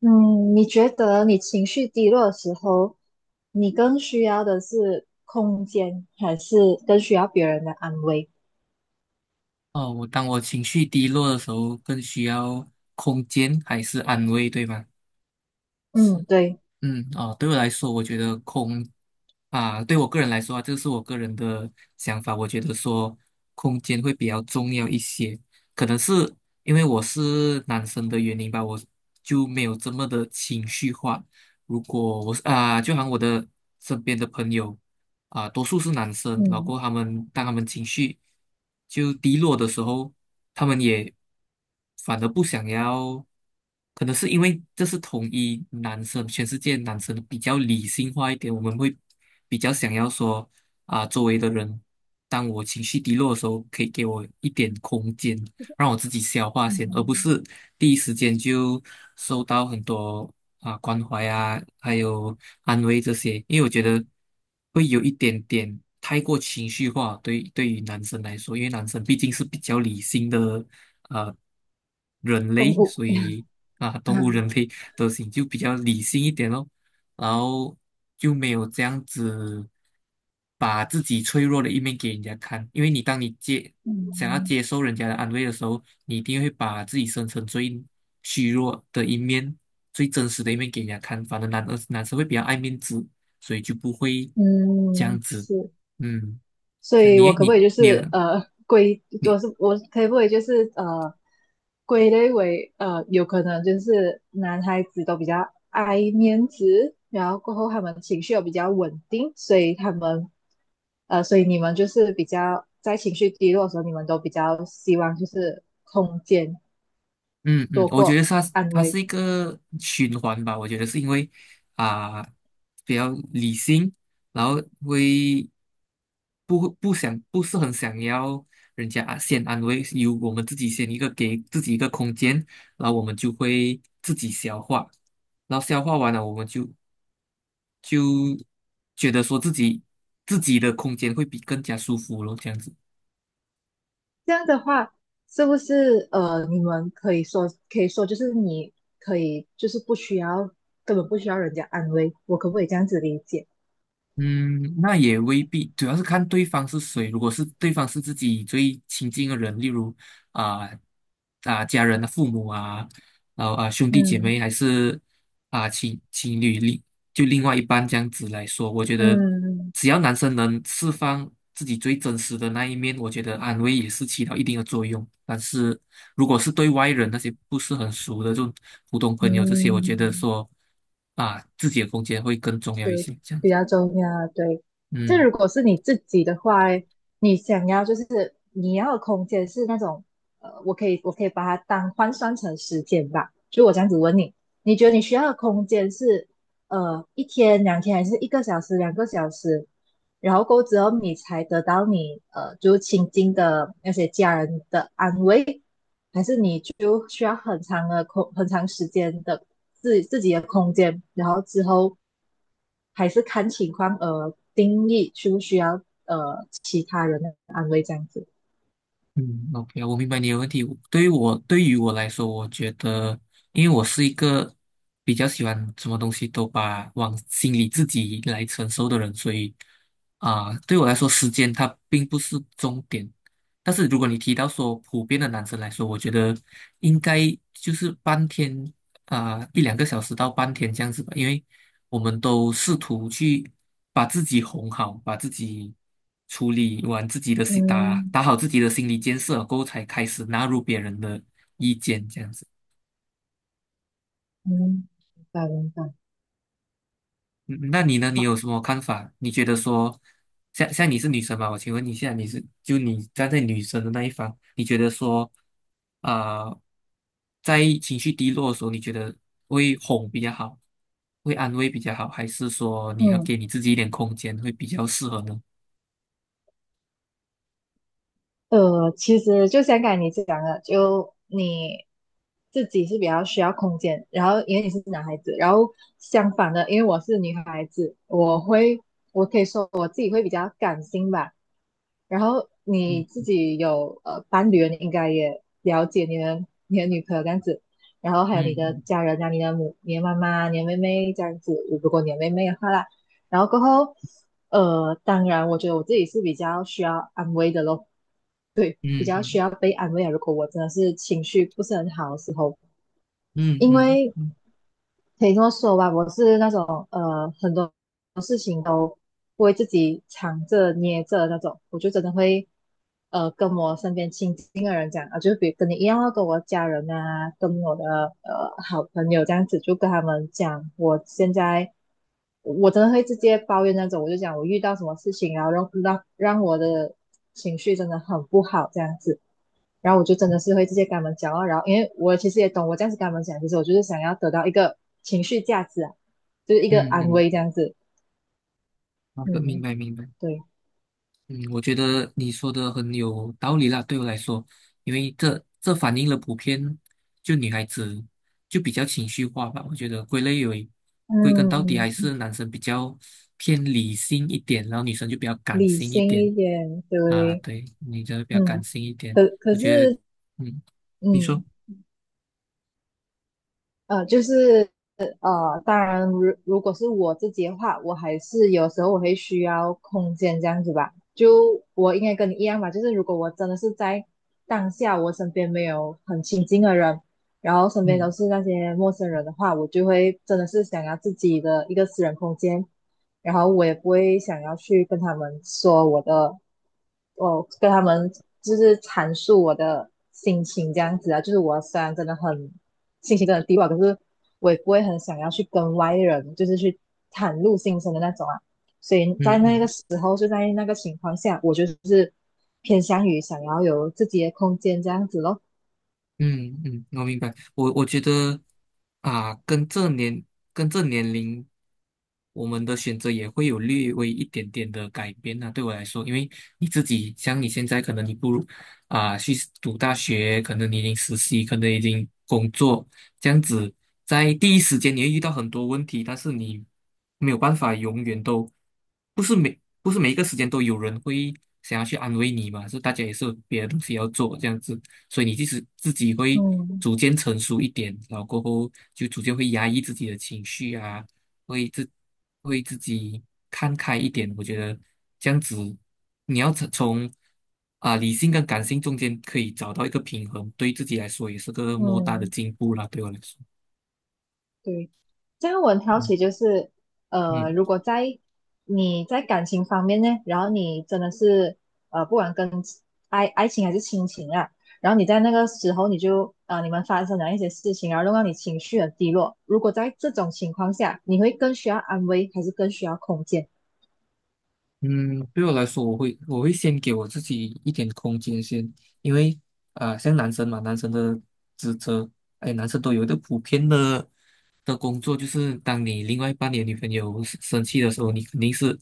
嗯，你觉得你情绪低落的时候，你更需要的是空间，还是更需要别人的安慰？哦，当我情绪低落的时候，更需要空间还是安慰，对吗？是，嗯，对。嗯，哦，对我来说，我觉得空啊，对我个人来说啊，这是我个人的想法，我觉得说空间会比较重要一些，可能是因为我是男生的原因吧，我就没有这么的情绪化。如果我是啊，就好像我的身边的朋友。多数是男生，然嗯后当他们情绪就低落的时候，他们也反而不想要，可能是因为这是统一男生，全世界男生比较理性化一点，我们会比较想要说周围的人，当我情绪低落的时候，可以给我一点空间，让我自己消化先，而不嗯，是第一时间就收到很多关怀啊，还有安慰这些，因为我觉得会有一点点太过情绪化，对于男生来说，因为男生毕竟是比较理性的呃人动类，物所以啊，动物人 类德行就比较理性一点咯，然后就没有这样子。把自己脆弱的一面给人家看，因为当你想要接受人家的安慰的时候，你一定会把自己生成最虚弱的一面、最真实的一面给人家看。反正男生会比较爱面子，所以就不会这嗯样子。是。嗯，所像以你我可不可你以就你是呃归，你我是我可不可以就是呃归类为有可能就是男孩子都比较爱面子，然后过后他们情绪又比较稳定，所以他们所以你们就是比较在情绪低落的时候，你们都比较希望就是空间嗯，多我觉得过它是安它慰。是一个循环吧。我觉得是因为啊、比较理性，然后会不是很想要人家先安慰，由我们自己先一个给自己一个空间，然后我们就会自己消化，然后消化完了，我们就觉得说自己的空间会比更加舒服咯，这样子。这样的话，是不是，你们可以说，就是你可以就是不需要，根本不需要人家安慰，我可不可以这样子理解？嗯，那也未必，主要是看对方是谁。如果是对方是自己最亲近的人，例如啊家人的父母啊，然后兄弟姐嗯妹，还是情侣另外一半这样子来说，我觉得嗯只要男生能释放自己最真实的那一面，我觉得安慰也是起到一定的作用。但是如果是对外人那些不是很熟的，这种普通朋友这些，我觉嗯。得说自己的空间会更重要一些，这样比子。较重要啊。对，这嗯。如果是你自己的话，你想要就是你要的空间是那种，我可以把它当换算成时间吧。就我这样子问你，你觉得你需要的空间是一天、两天，还是一个小时、两个小时？然后过后之后，你才得到你就是亲近的那些家人的安慰，就需要很长的空，很长时间的自己的空间，然后之后还是看情况而定义需不需要其他人的安慰这样子。嗯，OK，我明白你的问题。对于我来说，我觉得，因为我是一个比较喜欢什么东西都把往心里自己来承受的人，所以对我来说，时间它并不是终点。但是如果你提到说普遍的男生来说，我觉得应该就是半天一两个小时到半天这样子吧，因为我们都试图去把自己哄好，把自己处理完自己的心，打嗯打好自己的心理建设过后，才开始纳入别人的意见，这样子。嗯，明白明白。嗯，那你呢？你好。有什么看法？你觉得说，像你是女生吧？我请问你现在就你站在女生的那一方，你觉得说，啊、在情绪低落的时候，你觉得会哄比较好，会安慰比较好，还是说你要嗯，给你自己一点空间会比较适合呢？其实就像刚才你讲的，就你自己是比较需要空间，然后因为你是男孩子，然后相反的，因为我是女孩子，我会，我可以说我自己会比较感性吧。然后你自嗯己有伴侣了，你应该也了解你的女朋友这样子，然后还有你的嗯家人啊，你的母、你的妈妈、你的妹妹这样子，如果你的妹妹的话啦，然后过后，当然，我觉得我自己是比较需要安慰的咯，对，比嗯较需嗯要被安慰啊。如果我真的是情绪不是很好的时候，嗯因嗯为嗯可以这么说吧，我是那种很多事情都不会自己藏着捏着的那种，我就真的会跟我身边亲近的人讲啊，就比如跟你一样啊，跟我家人啊，跟我的好朋友这样子，就跟他们讲我现在我真的会直接抱怨那种，我就讲我遇到什么事情，然后让我的情绪真的很不好这样子。然后我就真的是会直接跟他们讲哦，然后因为我其实也懂，我这样子跟他们讲，其实我就是想要得到一个情绪价值啊，就是一个嗯安嗯，慰这样子。好的，明嗯，白明白。对。嗯，我觉得你说的很有道理啦，对我来说，因为这反映了普遍就女孩子就比较情绪化吧。我觉得归类为归根到底嗯，还是男生比较偏理性一点，然后女生就比较感理性一性点一点，啊。对。对，女生比较感嗯，性一点，可可我觉得，是，嗯，你说，嗯，呃，就是当然如果是我自己的话，我还是有时候我会需要空间这样子吧。就我应该跟你一样吧，就是如果我真的是在当下，我身边没有很亲近的人，然后身边都嗯是那些陌生人的话，我就会真的是想要自己的一个私人空间。然后我也不会想要去跟他们说我的，我跟他们就是阐述我的心情这样子啊，就是我虽然真的很心情真的低落，可是我也不会很想要去跟外人就是去袒露心声的那种啊，所以在嗯那个嗯。时候就在那个情况下，我就是偏向于想要有自己的空间这样子咯。嗯嗯，我明白。我觉得啊，跟这年龄，我们的选择也会有略微一点点的改变呢，对我来说，因为你自己像你现在，可能你不如去读大学，可能你已经实习，可能已经工作，这样子，在第一时间你会遇到很多问题，但是你没有办法永远都不是每一个时间都有人会想要去安慰你嘛，是大家也是有别的东西要做这样子。所以你即使自己会嗯逐渐成熟一点，然后过后就逐渐会压抑自己的情绪啊，会自会自己看开一点。我觉得这样子，你要从理性跟感性中间可以找到一个平衡，对自己来说也是个莫大的嗯，进步啦。对我来说，对。这样我很好奇，嗯就是嗯。如果在你在感情方面呢，然后你真的是不管跟爱情还是亲情啊，然后你在那个时候你就你们发生了一些事情，然后弄到你情绪很低落。如果在这种情况下，你会更需要安慰，还是更需要空间？嗯，对我来说，我会先给我自己一点空间先，因为像男生嘛，男生的职责，哎，男生都有一个普遍的工作，就是当你另外一半你的女朋友生气的时候，你肯定是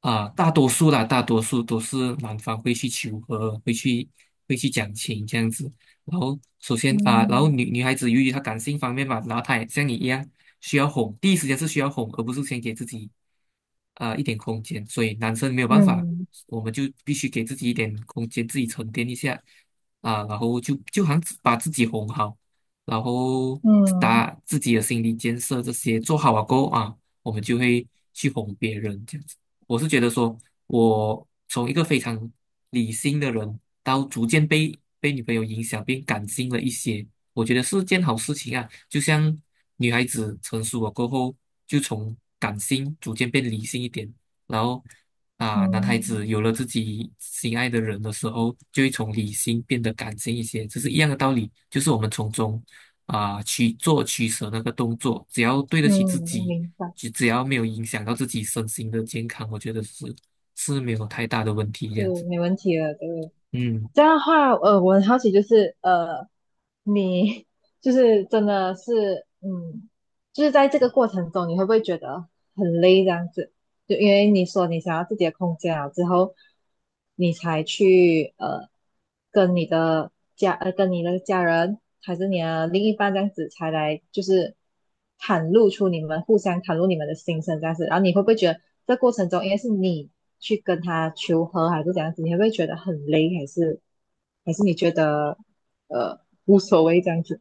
大多数都是男方会去求和，会去讲情这样子。然后首先然后嗯女孩子由于她感性方面嘛，然后她也像你一样。需要哄，第一时间是需要哄，而不是先给自己一点空间。所以男生没有办法，嗯我们就必须给自己一点空间，自己沉淀一下然后就好像把自己哄好，然后嗯打自己的心理建设这些做好了过后啊，我们就会去哄别人这样子。我是觉得说，我从一个非常理性的人，到逐渐被女朋友影响，变感性了一些。我觉得是件好事情啊。就像女孩子成熟了过后，就从感性逐渐变理性一点，然后男孩子嗯有了自己心爱的人的时候，就会从理性变得感性一些，这是一样的道理。就是我们从中去做取舍那个动作，只要对得嗯，起自我己，明白，只要没有影响到自己身心的健康，我觉得是没有太大的问题这是样子。没问题的，对。嗯。这样的话，我很好奇，就是你就是真的是，嗯，就是在这个过程中，你会不会觉得很累这样子？就因为你说你想要自己的空间了之后，你才去跟你的跟你的家人还是你的另一半这样子才来就是袒露出你们互相袒露你们的心声这样子，然后你会不会觉得这过程中应该是你去跟他求和还是怎样子，你会不会觉得很累，还是你觉得呃无所谓这样子？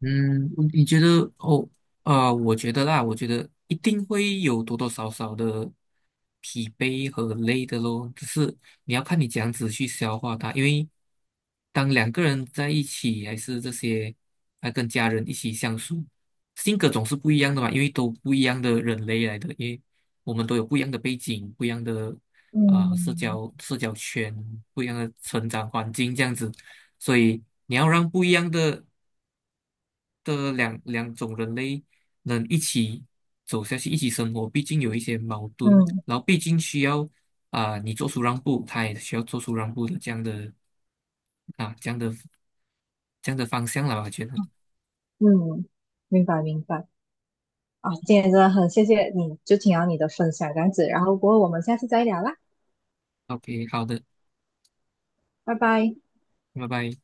嗯，你觉得哦，我觉得啦，我觉得一定会有多多少少的疲惫和累的咯，只是你要看你怎样子去消化它，因为当两个人在一起，还是这些，还跟家人一起相处，性格总是不一样的嘛，因为都不一样的人类来的，因为我们都有不一样的背景，不一样的社嗯交社交圈，不一样的成长环境这样子。所以你要让不一样的两种人类能一起走下去，一起生活，毕竟有一些矛盾，嗯然后毕竟需要你做出让步，他也需要做出让步的这样的啊这样的这样的方向了吧，我觉得。嗯，明白明白。啊，今天真的很谢谢你，就听到你的分享这样子，然后不过后我们下次再聊啦，OK，好的，拜拜。拜拜。